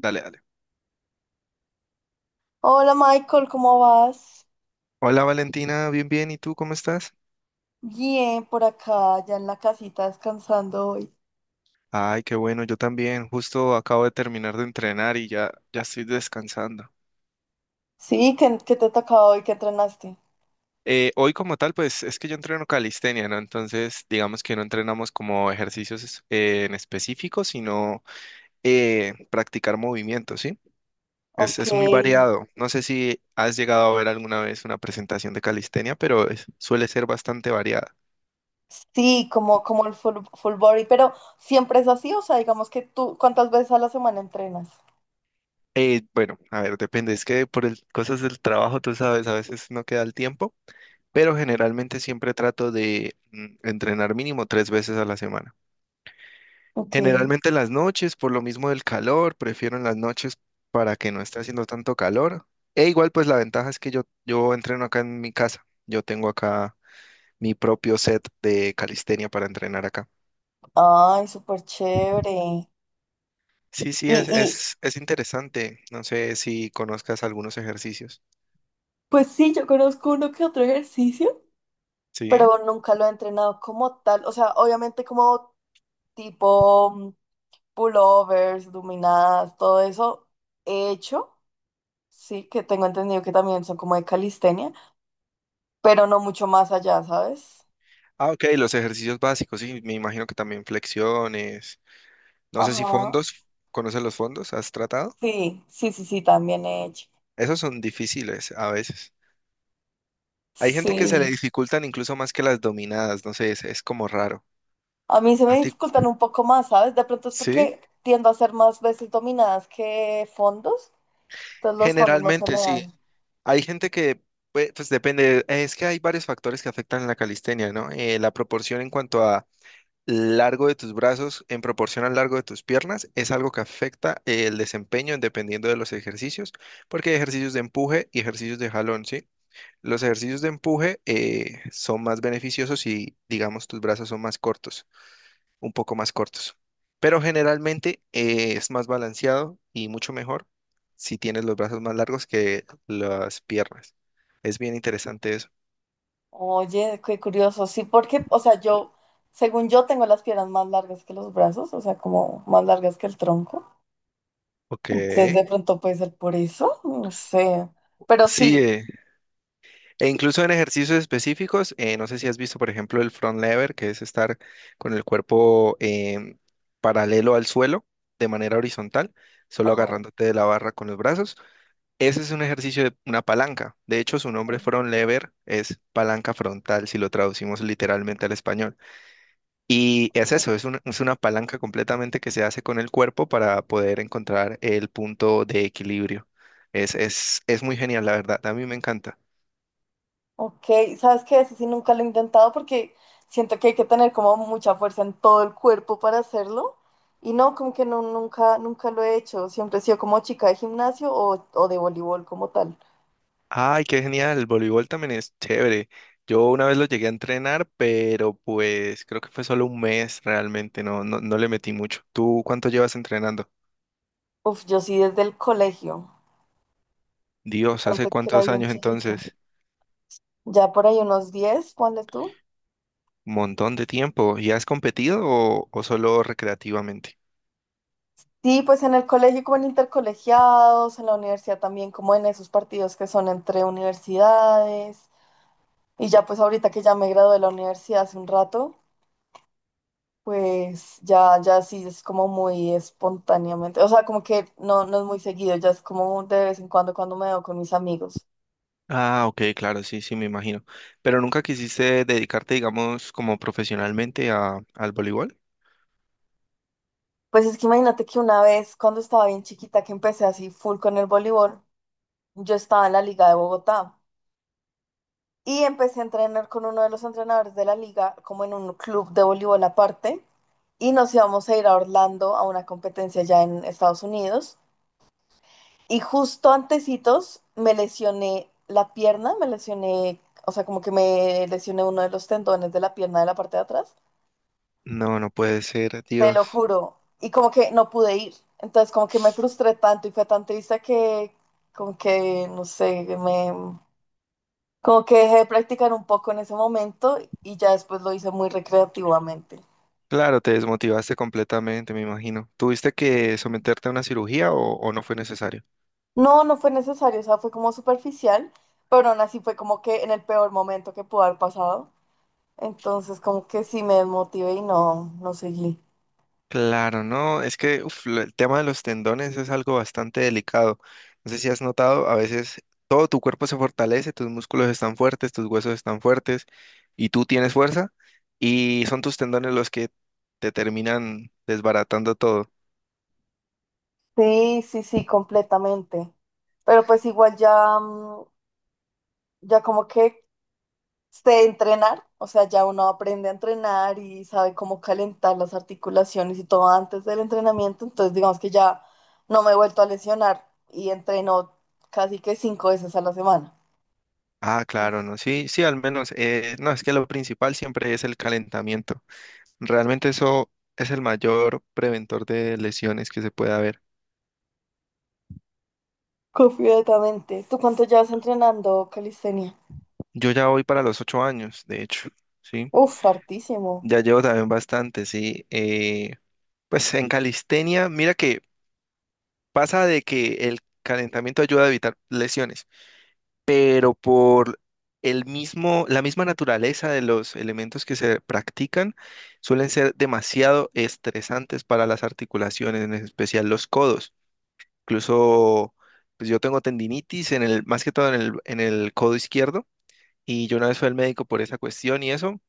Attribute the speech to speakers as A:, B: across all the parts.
A: Dale, dale.
B: Hola Michael, ¿cómo vas?
A: Hola Valentina, bien, bien. ¿Y tú cómo estás?
B: Bien, por acá, ya en la casita descansando hoy.
A: Ay, qué bueno, yo también. Justo acabo de terminar de entrenar y ya, ya estoy descansando.
B: Sí, ¿qué te tocaba hoy? ¿Qué entrenaste?
A: Hoy como tal, pues es que yo entreno calistenia, ¿no? Entonces, digamos que no entrenamos como ejercicios en específico, sino practicar movimientos, ¿sí? Es,
B: Ok,
A: es muy variado. No sé si has llegado a ver alguna vez una presentación de calistenia, pero suele ser bastante variada.
B: sí, como el full body, pero ¿siempre es así? O sea, digamos que tú, ¿cuántas veces a la semana entrenas?
A: Bueno, a ver, depende. Es que cosas del trabajo, tú sabes, a veces no queda el tiempo. Pero generalmente siempre trato de entrenar mínimo 3 veces a la semana.
B: Ok,
A: Generalmente en las noches, por lo mismo del calor, prefiero en las noches para que no esté haciendo tanto calor. E igual, pues la ventaja es que yo entreno acá en mi casa. Yo tengo acá mi propio set de calistenia para entrenar acá.
B: ay, súper chévere.
A: Sí, sí,
B: Y,
A: es,
B: y
A: es, es interesante. No sé si conozcas algunos ejercicios.
B: pues sí, yo conozco uno que otro ejercicio,
A: Sí.
B: pero nunca lo he entrenado como tal. O sea, obviamente como tipo pullovers, luminadas, todo eso hecho, sí, que tengo entendido que también son como de calistenia, pero no mucho más allá, ¿sabes?
A: Ah, ok, los ejercicios básicos, sí, me imagino que también flexiones. No sé si
B: Ajá.
A: fondos, ¿conoces los fondos? ¿Has tratado?
B: Sí, sí, sí, sí, también he hecho.
A: Esos son difíciles a veces. Hay gente que se le
B: Sí.
A: dificultan incluso más que las dominadas, no sé, es como raro.
B: A mí se
A: ¿A
B: me
A: ti?
B: dificultan un poco más, ¿sabes? De pronto es
A: ¿Sí?
B: porque tiendo a hacer más veces dominadas que fondos, entonces los fondos no se
A: Generalmente
B: me
A: sí.
B: dan.
A: Hay gente que, pues, depende, es que hay varios factores que afectan la calistenia, ¿no? La proporción en cuanto a largo de tus brazos en proporción al largo de tus piernas es algo que afecta el desempeño dependiendo de los ejercicios, porque hay ejercicios de empuje y ejercicios de jalón, ¿sí? Los ejercicios de empuje son más beneficiosos si, digamos, tus brazos son más cortos. Un poco más cortos. Pero generalmente es más balanceado y mucho mejor si tienes los brazos más largos que las piernas. Es bien interesante eso.
B: Oye, qué curioso. Sí, porque, o sea, yo, según yo, tengo las piernas más largas que los brazos, o sea, como más largas que el tronco.
A: Ok.
B: Entonces de pronto puede ser por eso, no sé. Pero
A: Sí,
B: sí.
A: e incluso en ejercicios específicos, no sé si has visto, por ejemplo, el front lever, que es estar con el cuerpo paralelo al suelo de manera horizontal, solo
B: Ajá.
A: agarrándote de la barra con los brazos. Ese es un ejercicio de una palanca. De hecho, su nombre front lever es palanca frontal, si lo traducimos literalmente al español. Y es eso, es una palanca completamente que se hace con el cuerpo para poder encontrar el punto de equilibrio. Es muy genial, la verdad. A mí me encanta.
B: Ok, ¿sabes qué? Eso sí nunca lo he intentado porque siento que hay que tener como mucha fuerza en todo el cuerpo para hacerlo. Y no, como que no, nunca, nunca lo he hecho. Siempre he sido como chica de gimnasio o de voleibol como tal.
A: Ay, qué genial. El voleibol también es chévere. Yo una vez lo llegué a entrenar, pero pues creo que fue solo un mes realmente. No, no, no le metí mucho. ¿Tú cuánto llevas entrenando?
B: Uf, yo sí desde el colegio.
A: Dios, ¿hace
B: Desde que era
A: cuántos
B: bien
A: años
B: chiquita.
A: entonces?
B: Ya por ahí unos 10 ponle tú.
A: Montón de tiempo. ¿Y has competido o solo recreativamente?
B: Sí, pues en el colegio como en intercolegiados, en la universidad también como en esos partidos que son entre universidades. Y ya pues ahorita que ya me gradué de la universidad hace un rato, pues ya sí es como muy espontáneamente. O sea, como que no, no es muy seguido, ya es como de vez en cuando cuando me veo con mis amigos.
A: Ah, ok, claro, sí, sí, me imagino. Pero nunca quisiste dedicarte, digamos, como profesionalmente al voleibol.
B: Pues es que imagínate que una vez cuando estaba bien chiquita que empecé así full con el voleibol, yo estaba en la Liga de Bogotá. Y empecé a entrenar con uno de los entrenadores de la liga, como en un club de voleibol aparte, y nos íbamos a ir a Orlando a una competencia ya en Estados Unidos. Y justo antecitos me lesioné la pierna, o sea, como que me lesioné uno de los tendones de la pierna de la parte de atrás,
A: No, no puede ser,
B: te lo
A: Dios.
B: juro, y como que no pude ir. Entonces como que me frustré tanto y fue tan triste que como que, no sé. Como que dejé de practicar un poco en ese momento y ya después lo hice muy recreativamente.
A: Claro, te desmotivaste completamente, me imagino. ¿Tuviste que someterte a una cirugía o no fue necesario?
B: No, no fue necesario, o sea, fue como superficial, pero aún así fue como que en el peor momento que pudo haber pasado. Entonces como que sí me desmotivé y no, no seguí.
A: Claro, no, es que uf, el tema de los tendones es algo bastante delicado. No sé si has notado, a veces todo tu cuerpo se fortalece, tus músculos están fuertes, tus huesos están fuertes y tú tienes fuerza y son tus tendones los que te terminan desbaratando todo.
B: Sí, sí, sí, completamente. Pero pues igual ya como que sé entrenar, o sea, ya uno aprende a entrenar y sabe cómo calentar las articulaciones y todo antes del entrenamiento, entonces digamos que ya no me he vuelto a lesionar y entreno casi que 5 veces a la semana.
A: Ah, claro, no, sí, sí, al menos, no, es que lo principal siempre es el calentamiento. Realmente eso es el mayor preventor de lesiones que se puede haber.
B: Completamente. ¿Tú cuánto llevas entrenando calistenia?
A: Yo ya voy para los 8 años, de hecho, sí.
B: Uf, hartísimo.
A: Ya llevo también bastante, sí. Pues en calistenia, mira que pasa de que el calentamiento ayuda a evitar lesiones, pero por el mismo, la misma naturaleza de los elementos que se practican suelen ser demasiado estresantes para las articulaciones, en especial los codos. Incluso, pues yo tengo tendinitis más que todo en el codo izquierdo, y yo una vez fui al médico por esa cuestión y eso,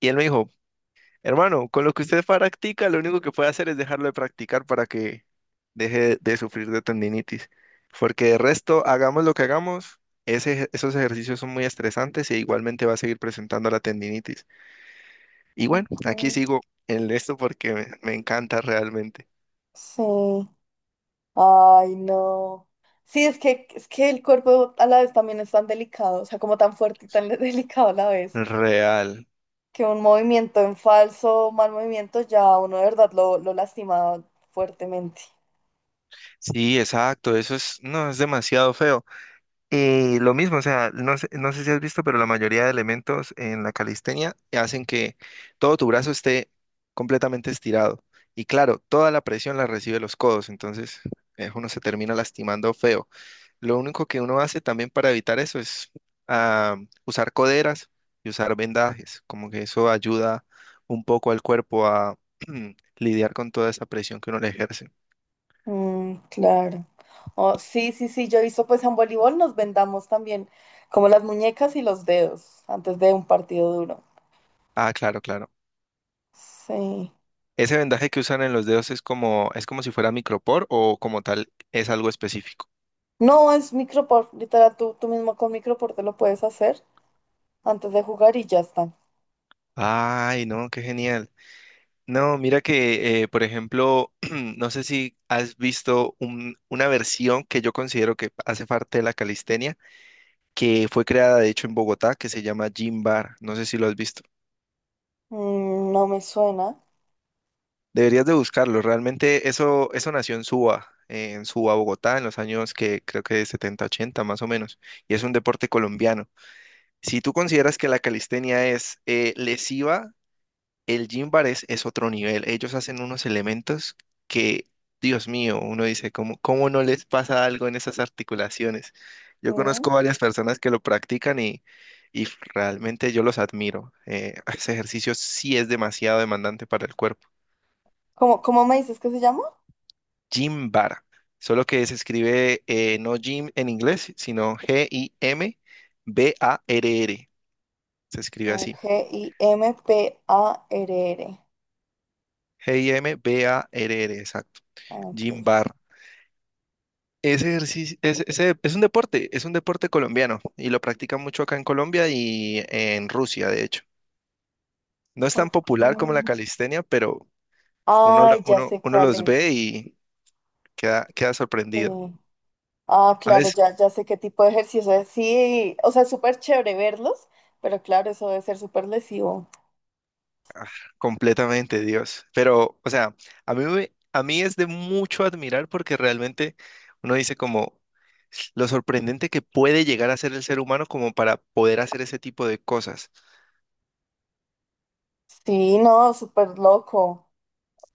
A: y él me dijo, Hermano, con lo que usted practica, lo único que puede hacer es dejarlo de practicar para que deje de sufrir de tendinitis. Porque de resto, hagamos lo que hagamos, esos ejercicios son muy estresantes e igualmente va a seguir presentando la tendinitis. Y bueno, aquí
B: Mm.
A: sigo en esto porque me encanta realmente.
B: Sí. Ay, no. Sí, es que el cuerpo a la vez también es tan delicado, o sea, como tan fuerte y tan delicado a la vez.
A: Real.
B: Que un movimiento en falso, mal movimiento, ya uno de verdad lo lastima fuertemente.
A: Sí, exacto, eso es, no, es demasiado feo. Y lo mismo, o sea, no sé si has visto, pero la mayoría de elementos en la calistenia hacen que todo tu brazo esté completamente estirado. Y claro, toda la presión la recibe los codos, entonces uno se termina lastimando feo. Lo único que uno hace también para evitar eso es ah, usar coderas y usar vendajes, como que eso ayuda un poco al cuerpo a lidiar con toda esa presión que uno le ejerce.
B: Mm, claro. Oh, sí, sí, sí, yo he visto pues en voleibol nos vendamos también como las muñecas y los dedos antes de un partido duro.
A: Ah, claro, claro.
B: Sí.
A: ¿Ese vendaje que usan en los dedos es como si fuera micropor o como tal es algo específico?
B: No, es micropor, literal, tú mismo con micropor te lo puedes hacer antes de jugar y ya está.
A: Ay, no, qué genial. No, mira que, por ejemplo, no sé si has visto una versión que yo considero que hace parte de la calistenia, que fue creada de hecho en Bogotá, que se llama Gym Bar. No sé si lo has visto.
B: Mm, no me suena.
A: Deberías de buscarlo. Realmente eso nació en Suba, Bogotá, en los años que creo que de 70, 80 más o menos. Y es un deporte colombiano. Si tú consideras que la calistenia es lesiva, el gym bar es otro nivel. Ellos hacen unos elementos que, Dios mío, uno dice, ¿cómo no les pasa algo en esas articulaciones? Yo
B: Mm.
A: conozco varias personas que lo practican y realmente yo los admiro. Ese ejercicio sí es demasiado demandante para el cuerpo.
B: ¿Cómo me dices que se llama?
A: Gym bar, solo que se escribe no gym en inglés, sino Gimbarr. Se escribe
B: A
A: así.
B: ver, GIMPARR.
A: Gimbarr, exacto.
B: Ok.
A: Gym bar. Ese ejercicio es un deporte colombiano y lo practican mucho acá en Colombia y en Rusia, de hecho. No es tan
B: Ok.
A: popular como la calistenia, pero uno, lo-
B: Ay, ya
A: uno,
B: sé
A: uno
B: cuál
A: los
B: es.
A: ve y queda
B: Sí.
A: sorprendido.
B: Ah,
A: A
B: claro,
A: veces,
B: ya sé qué tipo de ejercicio es. Sí, o sea, es súper chévere verlos, pero claro, eso debe ser súper lesivo.
A: completamente, Dios. Pero, o sea, a mí es de mucho admirar porque realmente uno dice como lo sorprendente que puede llegar a ser el ser humano como para poder hacer ese tipo de cosas.
B: Sí, no, súper loco.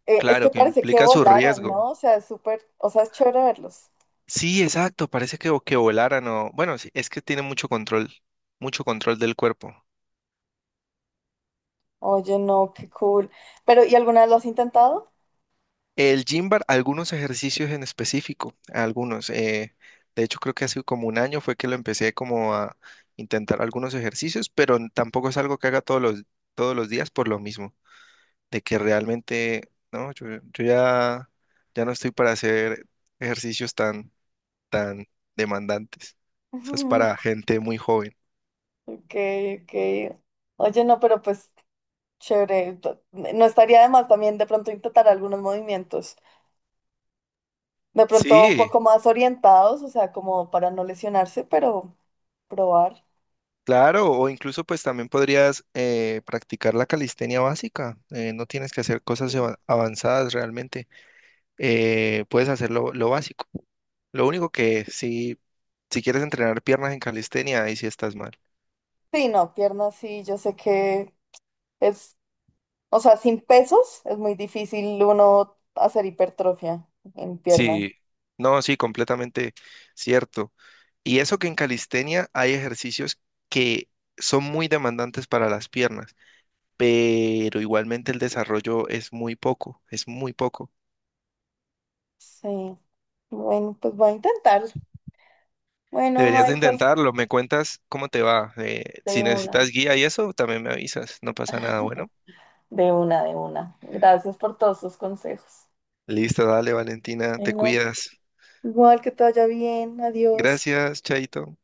B: Es que
A: Claro, que
B: parece que
A: implica su
B: volaran,
A: riesgo.
B: ¿no? O sea, es súper, o sea, es chévere verlos.
A: Sí, exacto, parece que volaran o... Bueno, sí, es que tiene mucho control del cuerpo.
B: Oye, no, qué cool. Pero ¿y alguna vez lo has intentado?
A: El gym bar, algunos ejercicios en específico, algunos. De hecho, creo que hace como un año fue que lo empecé como a intentar algunos ejercicios, pero tampoco es algo que haga todos los días por lo mismo, de que realmente, no, yo ya, ya no estoy para hacer ejercicios tan, tan demandantes. Eso es para gente muy joven.
B: Ok, ok. Oye, no, pero pues chévere. No estaría de más también de pronto intentar algunos movimientos. De pronto un
A: Sí,
B: poco más orientados, o sea, como para no lesionarse, pero probar.
A: claro, o incluso pues también podrías practicar la calistenia básica. No tienes que hacer cosas
B: Sí.
A: avanzadas realmente. Puedes hacer lo básico. Lo único que si quieres entrenar piernas en calistenia, ahí sí estás mal.
B: Sí, no, piernas sí, yo sé que es, o sea, sin pesos es muy difícil uno hacer hipertrofia en pierna.
A: Sí, no, sí, completamente cierto. Y eso que en calistenia hay ejercicios que son muy demandantes para las piernas, pero igualmente el desarrollo es muy poco, es muy poco.
B: Sí, bueno, pues voy a intentar. Bueno,
A: Deberías de
B: Michael,
A: intentarlo. Me cuentas cómo te va.
B: de
A: Si necesitas
B: una,
A: guía y eso, también me avisas. No pasa nada. Bueno,
B: de una, de una. Gracias por todos tus consejos.
A: listo, dale, Valentina. Te
B: Bueno,
A: cuidas.
B: igual que te vaya bien, adiós.
A: Gracias, Chaito.